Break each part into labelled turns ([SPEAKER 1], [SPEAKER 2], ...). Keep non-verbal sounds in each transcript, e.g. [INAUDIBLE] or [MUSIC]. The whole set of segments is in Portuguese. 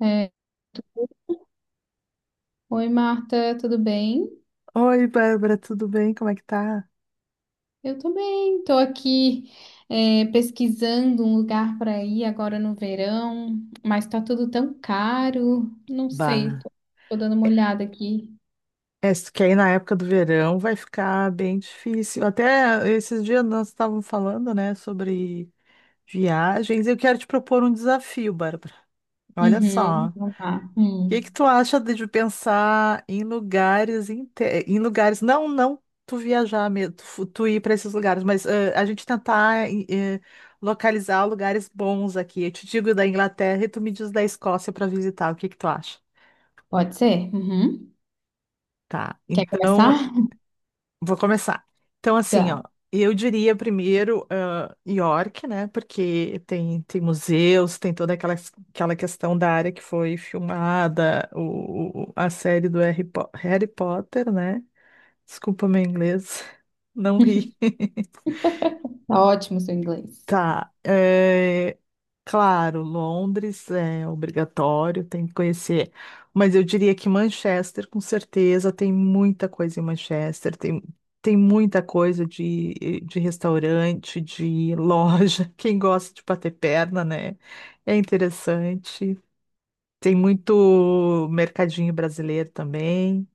[SPEAKER 1] É. Oi, Marta, tudo bem?
[SPEAKER 2] Oi, Bárbara, tudo bem? Como é que tá?
[SPEAKER 1] Eu tô bem, tô aqui pesquisando um lugar para ir agora no verão, mas tá tudo tão caro, não sei,
[SPEAKER 2] Bah.
[SPEAKER 1] tô dando uma olhada aqui.
[SPEAKER 2] É, isso que aí na época do verão vai ficar bem difícil. Até esses dias nós estávamos falando, né, sobre viagens. Eu quero te propor um desafio, Bárbara. Olha só.
[SPEAKER 1] Uhum,
[SPEAKER 2] O
[SPEAKER 1] vamos lá.
[SPEAKER 2] que que tu acha de pensar em lugares, em lugares, não tu viajar mesmo, tu, tu ir para esses lugares, mas a gente tentar localizar lugares bons aqui. Eu te digo da Inglaterra e tu me diz da Escócia para visitar. O que que tu acha?
[SPEAKER 1] Pode ser? Uhum.
[SPEAKER 2] Tá,
[SPEAKER 1] Quer começar?
[SPEAKER 2] então vou começar. Então, assim,
[SPEAKER 1] Tá,
[SPEAKER 2] ó, eu diria primeiro York, né? Porque tem, tem museus, tem toda aquela, aquela questão da área que foi filmada, o, a série do Harry Potter, né? Desculpa meu inglês, não ri. [LAUGHS]
[SPEAKER 1] [LAUGHS] tá ótimo o seu inglês.
[SPEAKER 2] Tá, é, claro, Londres é obrigatório, tem que conhecer, mas eu diria que Manchester, com certeza, tem muita coisa em Manchester, tem, tem muita coisa de restaurante, de loja, [LAUGHS] quem gosta de bater perna, né? É interessante, tem muito mercadinho brasileiro também,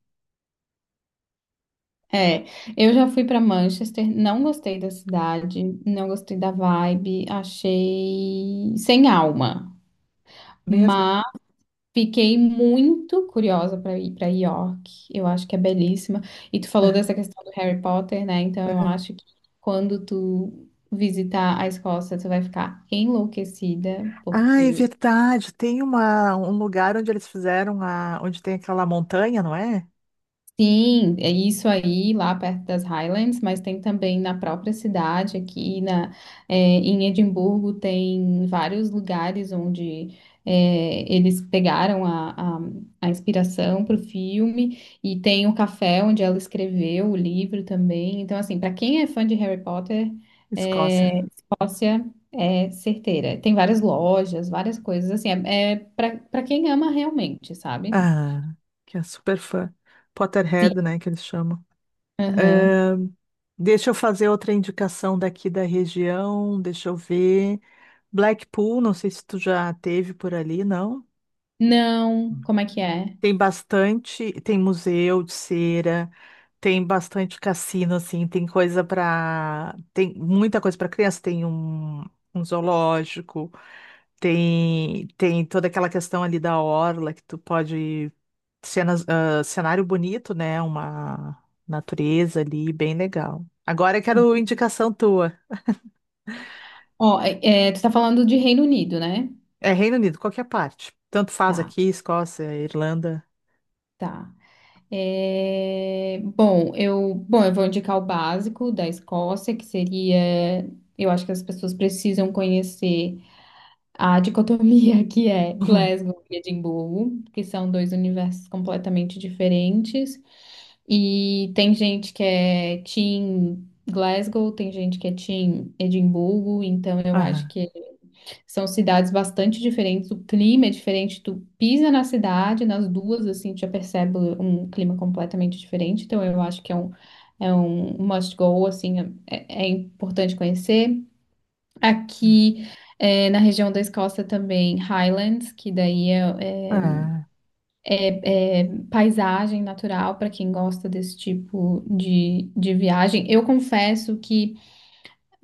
[SPEAKER 1] É, eu já fui para Manchester, não gostei da cidade, não gostei da vibe, achei sem alma.
[SPEAKER 2] mesmo.
[SPEAKER 1] Fiquei muito curiosa para ir para York. Eu acho que é belíssima. E tu falou dessa
[SPEAKER 2] [LAUGHS]
[SPEAKER 1] questão do Harry Potter, né? Então eu
[SPEAKER 2] Aham.
[SPEAKER 1] acho que quando tu visitar a Escócia, tu vai ficar enlouquecida,
[SPEAKER 2] Ah, é
[SPEAKER 1] porque
[SPEAKER 2] verdade, tem uma, um lugar onde eles fizeram a, onde tem aquela montanha, não é?
[SPEAKER 1] sim, é isso aí, lá perto das Highlands, mas tem também na própria cidade, é, em Edimburgo, tem vários lugares onde eles pegaram a inspiração para o filme, e tem o café onde ela escreveu o livro também. Então, assim, para quem é fã de Harry Potter,
[SPEAKER 2] Escócia.
[SPEAKER 1] é, Escócia é certeira. Tem várias lojas, várias coisas, assim, é, é para quem ama realmente, sabe?
[SPEAKER 2] Ah, que é super fã.
[SPEAKER 1] Sim.
[SPEAKER 2] Potterhead, né, que eles chamam.
[SPEAKER 1] Aham.
[SPEAKER 2] Deixa eu fazer outra indicação daqui da região, deixa eu ver. Blackpool, não sei se tu já teve por ali, não?
[SPEAKER 1] Não, como é que é?
[SPEAKER 2] Tem bastante, tem museu de cera, tem bastante cassino, assim, tem coisa para, tem muita coisa para criança, tem um, um zoológico, tem toda aquela questão ali da orla que tu pode cenas, ah, cenário bonito, né? Uma natureza ali, bem legal. Agora eu quero indicação tua.
[SPEAKER 1] Ó, é, tu tá falando de Reino Unido, né?
[SPEAKER 2] É Reino Unido, qualquer parte. Tanto faz
[SPEAKER 1] Tá,
[SPEAKER 2] aqui, Escócia, Irlanda. [LAUGHS]
[SPEAKER 1] tá. É, bom, eu vou indicar o básico da Escócia, eu acho que as pessoas precisam conhecer a dicotomia [LAUGHS] que é
[SPEAKER 2] Uhum.
[SPEAKER 1] Glasgow e Edimburgo, que são dois universos completamente diferentes. E tem gente que é Team Glasgow, tem gente que é Team Edimburgo, então eu acho
[SPEAKER 2] Aham.
[SPEAKER 1] que são cidades bastante diferentes, o clima é diferente, tu pisa na cidade, nas duas, assim, tu já percebe um clima completamente diferente, então eu acho que é um must go, assim, é, é importante conhecer. Aqui, na região da Escócia também, Highlands, é
[SPEAKER 2] Ah,
[SPEAKER 1] paisagem natural para quem gosta desse tipo de viagem. Eu confesso que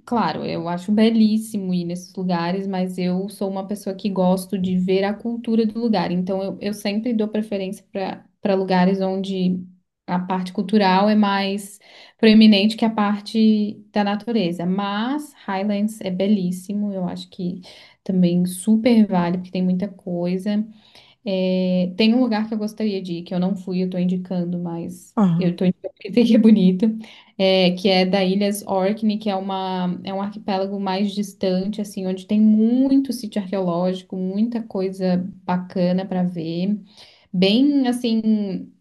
[SPEAKER 1] claro, eu acho belíssimo ir nesses lugares, mas eu sou uma pessoa que gosto de ver a cultura do lugar. Então, eu sempre dou preferência para lugares onde a parte cultural é mais proeminente que a parte da natureza. Mas Highlands é belíssimo, eu acho que também super vale, porque tem muita coisa. É, tem um lugar que eu gostaria de ir, que eu não fui, eu tô indicando, mas eu
[SPEAKER 2] aham,
[SPEAKER 1] tô indicando porque [LAUGHS] tem que é bonito, que é da Ilhas Orkney, é um arquipélago mais distante, assim, onde tem muito sítio arqueológico, muita coisa bacana para ver, bem, assim,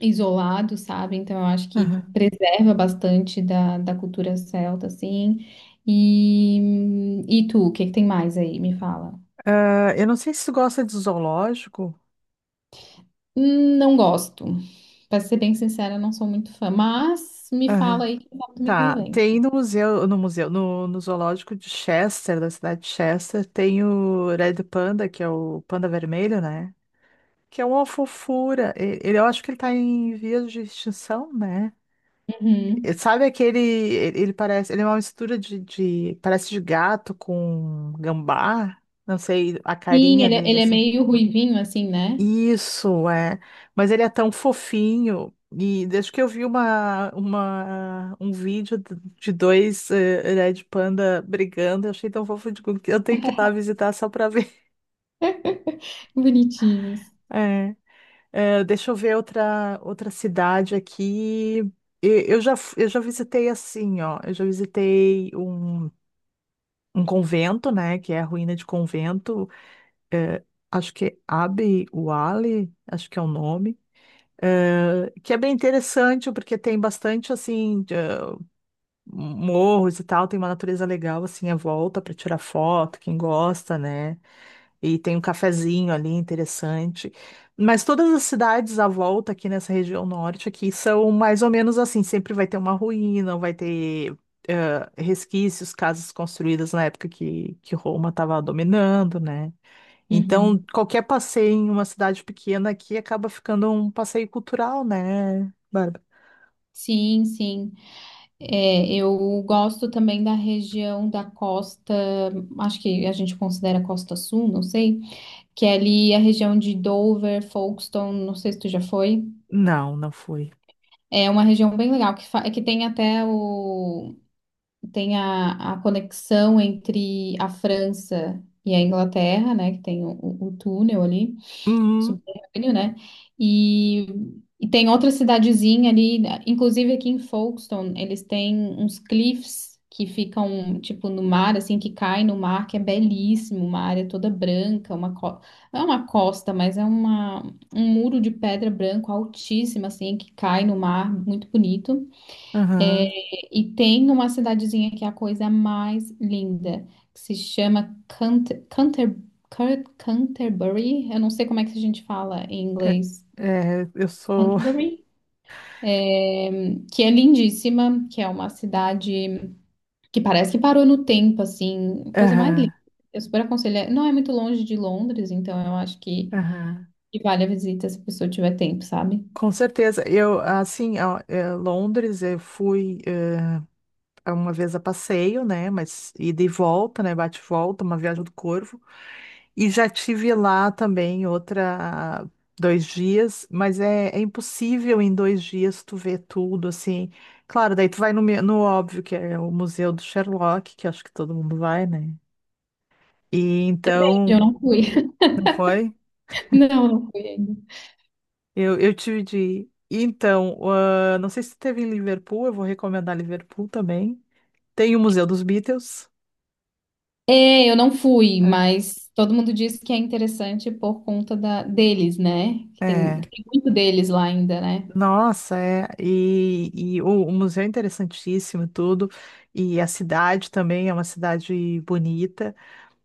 [SPEAKER 1] isolado, sabe? Então eu acho que
[SPEAKER 2] aham.
[SPEAKER 1] preserva bastante da cultura celta, assim. E tu, o que que tem mais aí? Me fala.
[SPEAKER 2] Ah, eu não sei se tu gosta de zoológico.
[SPEAKER 1] Não gosto. Pra ser bem sincera, não sou muito fã, mas me fala
[SPEAKER 2] Aham.
[SPEAKER 1] aí que foto me
[SPEAKER 2] Tá,
[SPEAKER 1] convém.
[SPEAKER 2] tem no museu, no museu, no, no zoológico de Chester, da cidade de Chester, tem o Red Panda, que é o panda vermelho, né? Que é uma fofura. E, ele, eu acho que ele tá em vias de extinção, né? E
[SPEAKER 1] Uhum.
[SPEAKER 2] sabe aquele. Ele parece. Ele é uma mistura de, parece de gato com gambá. Não sei, a
[SPEAKER 1] Sim,
[SPEAKER 2] carinha dele,
[SPEAKER 1] ele é
[SPEAKER 2] assim.
[SPEAKER 1] meio ruivinho, assim, né?
[SPEAKER 2] Isso, é. Mas ele é tão fofinho. E desde que eu vi uma, um vídeo de dois Red Panda brigando, eu achei tão fofo. Digo, eu tenho que ir lá
[SPEAKER 1] [LAUGHS]
[SPEAKER 2] visitar só pra ver. [LAUGHS]
[SPEAKER 1] Bonitinhos.
[SPEAKER 2] É. Deixa eu ver outra, outra cidade aqui. E eu já, eu já visitei assim, ó. Eu já visitei um. Um convento, né? Que é a ruína de convento. Eh, acho que é Abbey Wale, acho que é o nome. Que é bem interessante, porque tem bastante, assim, de, morros e tal. Tem uma natureza legal, assim, à volta para tirar foto, quem gosta, né? E tem um cafezinho ali interessante. Mas todas as cidades à volta aqui nessa região norte aqui são mais ou menos assim, sempre vai ter uma ruína, vai ter resquícios, casas construídas na época que Roma estava dominando, né? Então,
[SPEAKER 1] Uhum.
[SPEAKER 2] qualquer passeio em uma cidade pequena aqui acaba ficando um passeio cultural, né, Bárbara?
[SPEAKER 1] Sim, sim. É, eu gosto também da região da costa, acho que a gente considera Costa Sul, não sei, que é ali a região de Dover, Folkestone, não sei se tu já foi.
[SPEAKER 2] Não, não fui.
[SPEAKER 1] É uma região bem legal, é que tem até o tem a conexão entre a França e a Inglaterra, né? Que tem o túnel ali,
[SPEAKER 2] Uhum,
[SPEAKER 1] subterrâneo, né? E, e tem outra cidadezinha ali, né, inclusive aqui em Folkestone, eles têm uns cliffs que ficam, tipo, no mar, assim, que cai no mar, que é belíssimo, uma área toda branca, uma co... não é uma costa, mas é uma, um muro de pedra branco altíssima, assim, que cai no mar, muito bonito. É,
[SPEAKER 2] aham.
[SPEAKER 1] e tem uma cidadezinha que é a coisa mais linda, que se chama Canterbury. Eu não sei como é que a gente fala em inglês.
[SPEAKER 2] É, é, eu sou.
[SPEAKER 1] Canterbury. É, que é lindíssima, que é uma cidade que parece que parou no tempo, assim,
[SPEAKER 2] [LAUGHS]
[SPEAKER 1] coisa mais linda.
[SPEAKER 2] Aham,
[SPEAKER 1] Eu super aconselho. Não é muito longe de Londres, então eu acho
[SPEAKER 2] aham.
[SPEAKER 1] que vale a visita se a pessoa tiver tempo, sabe?
[SPEAKER 2] Com certeza. Eu, assim, ó, eh, Londres, eu fui uma vez a passeio, né? Mas ida e volta, né? Bate e volta, uma viagem do Corvo. E já tive lá também outra dois dias, mas é, é impossível em dois dias tu ver tudo, assim. Claro, daí tu vai no, no óbvio, que é o Museu do Sherlock, que acho que todo mundo vai, né? E
[SPEAKER 1] Eu
[SPEAKER 2] então,
[SPEAKER 1] não fui. [LAUGHS]
[SPEAKER 2] não foi?
[SPEAKER 1] Não, não fui ainda.
[SPEAKER 2] Eu tive de ir. Então, ah, não sei se teve em Liverpool, eu vou recomendar Liverpool também. Tem o Museu dos Beatles.
[SPEAKER 1] É, eu não fui, mas todo mundo diz que é interessante por conta da, deles, né?
[SPEAKER 2] É,
[SPEAKER 1] Que tem muito deles lá ainda, né?
[SPEAKER 2] nossa, é, e o museu é interessantíssimo e tudo, e a cidade também é uma cidade bonita,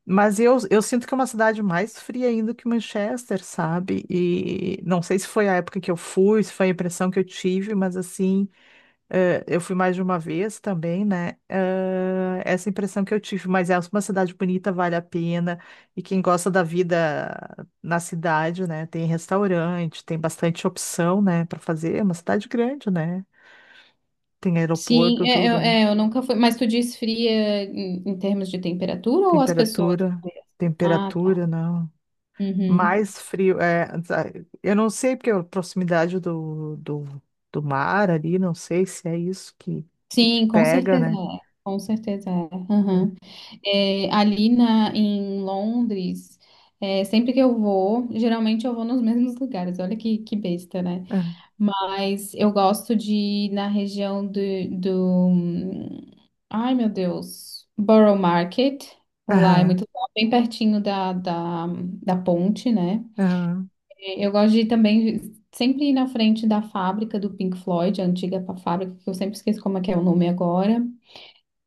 [SPEAKER 2] mas eu sinto que é uma cidade mais fria ainda que Manchester, sabe? E não sei se foi a época que eu fui, se foi a impressão que eu tive, mas assim, eu fui mais de uma vez também, né? Essa impressão que eu tive, mas é uma cidade bonita, vale a pena. E quem gosta da vida na cidade, né? Tem restaurante, tem bastante opção, né? Para fazer. É uma cidade grande, né? Tem aeroporto,
[SPEAKER 1] Sim,
[SPEAKER 2] tudo, né?
[SPEAKER 1] é, eu nunca fui. Mas tu diz fria em, em termos de temperatura ou as pessoas?
[SPEAKER 2] Temperatura,
[SPEAKER 1] Ah, tá.
[SPEAKER 2] temperatura, não.
[SPEAKER 1] Uhum.
[SPEAKER 2] Mais frio, é, eu não sei porque a proximidade do, do, do mar ali, não sei se é isso que
[SPEAKER 1] Sim, com
[SPEAKER 2] pega,
[SPEAKER 1] certeza
[SPEAKER 2] né?
[SPEAKER 1] é. Com certeza é. Uhum. É, em Londres, é, sempre que eu vou, geralmente eu vou nos mesmos lugares. Olha que besta, né?
[SPEAKER 2] Aham,
[SPEAKER 1] Mas eu gosto de ir na região do... Ai, meu Deus. Borough Market. Lá é muito
[SPEAKER 2] aham,
[SPEAKER 1] legal, bem pertinho da ponte, né?
[SPEAKER 2] aham.
[SPEAKER 1] Eu gosto de ir também sempre ir na frente da fábrica do Pink Floyd, a antiga fábrica, que eu sempre esqueço como é que é o nome agora.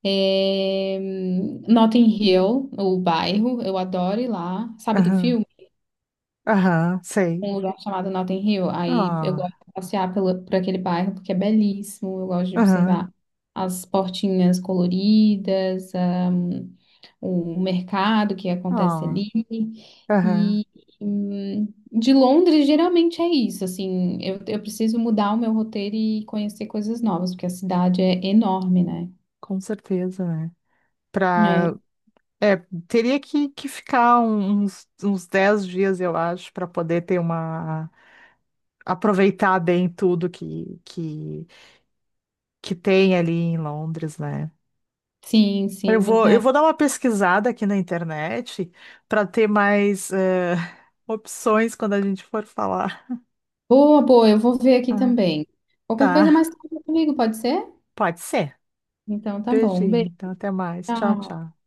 [SPEAKER 1] É... Notting Hill, o bairro, eu adoro ir lá. Sabe do
[SPEAKER 2] Aham,
[SPEAKER 1] filme?
[SPEAKER 2] aham, sei.
[SPEAKER 1] Um lugar chamado Notting Hill. Aí eu gosto
[SPEAKER 2] Ah,
[SPEAKER 1] de passear pelo, por aquele bairro porque é belíssimo. Eu gosto de
[SPEAKER 2] aham,
[SPEAKER 1] observar as portinhas coloridas, o mercado que acontece
[SPEAKER 2] ah,
[SPEAKER 1] ali.
[SPEAKER 2] aham,
[SPEAKER 1] E de Londres, geralmente é isso. Assim, eu preciso mudar o meu roteiro e conhecer coisas novas, porque a cidade é enorme, né?
[SPEAKER 2] com certeza, né?
[SPEAKER 1] É,
[SPEAKER 2] Pra, é, teria que ficar um, uns, uns 10 dias, eu acho, para poder ter uma. Aproveitar bem tudo que tem ali em Londres, né?
[SPEAKER 1] sim, sim,
[SPEAKER 2] Eu
[SPEAKER 1] muita.
[SPEAKER 2] vou dar uma pesquisada aqui na internet para ter mais [LAUGHS] opções quando a gente for falar.
[SPEAKER 1] Boa, boa, eu vou ver aqui
[SPEAKER 2] Ah,
[SPEAKER 1] também.
[SPEAKER 2] tá,
[SPEAKER 1] Qualquer coisa mais conta comigo, pode ser?
[SPEAKER 2] pode ser.
[SPEAKER 1] Então tá bom, um
[SPEAKER 2] Beijinho,
[SPEAKER 1] beijo.
[SPEAKER 2] então até mais. Tchau,
[SPEAKER 1] Tchau.
[SPEAKER 2] tchau.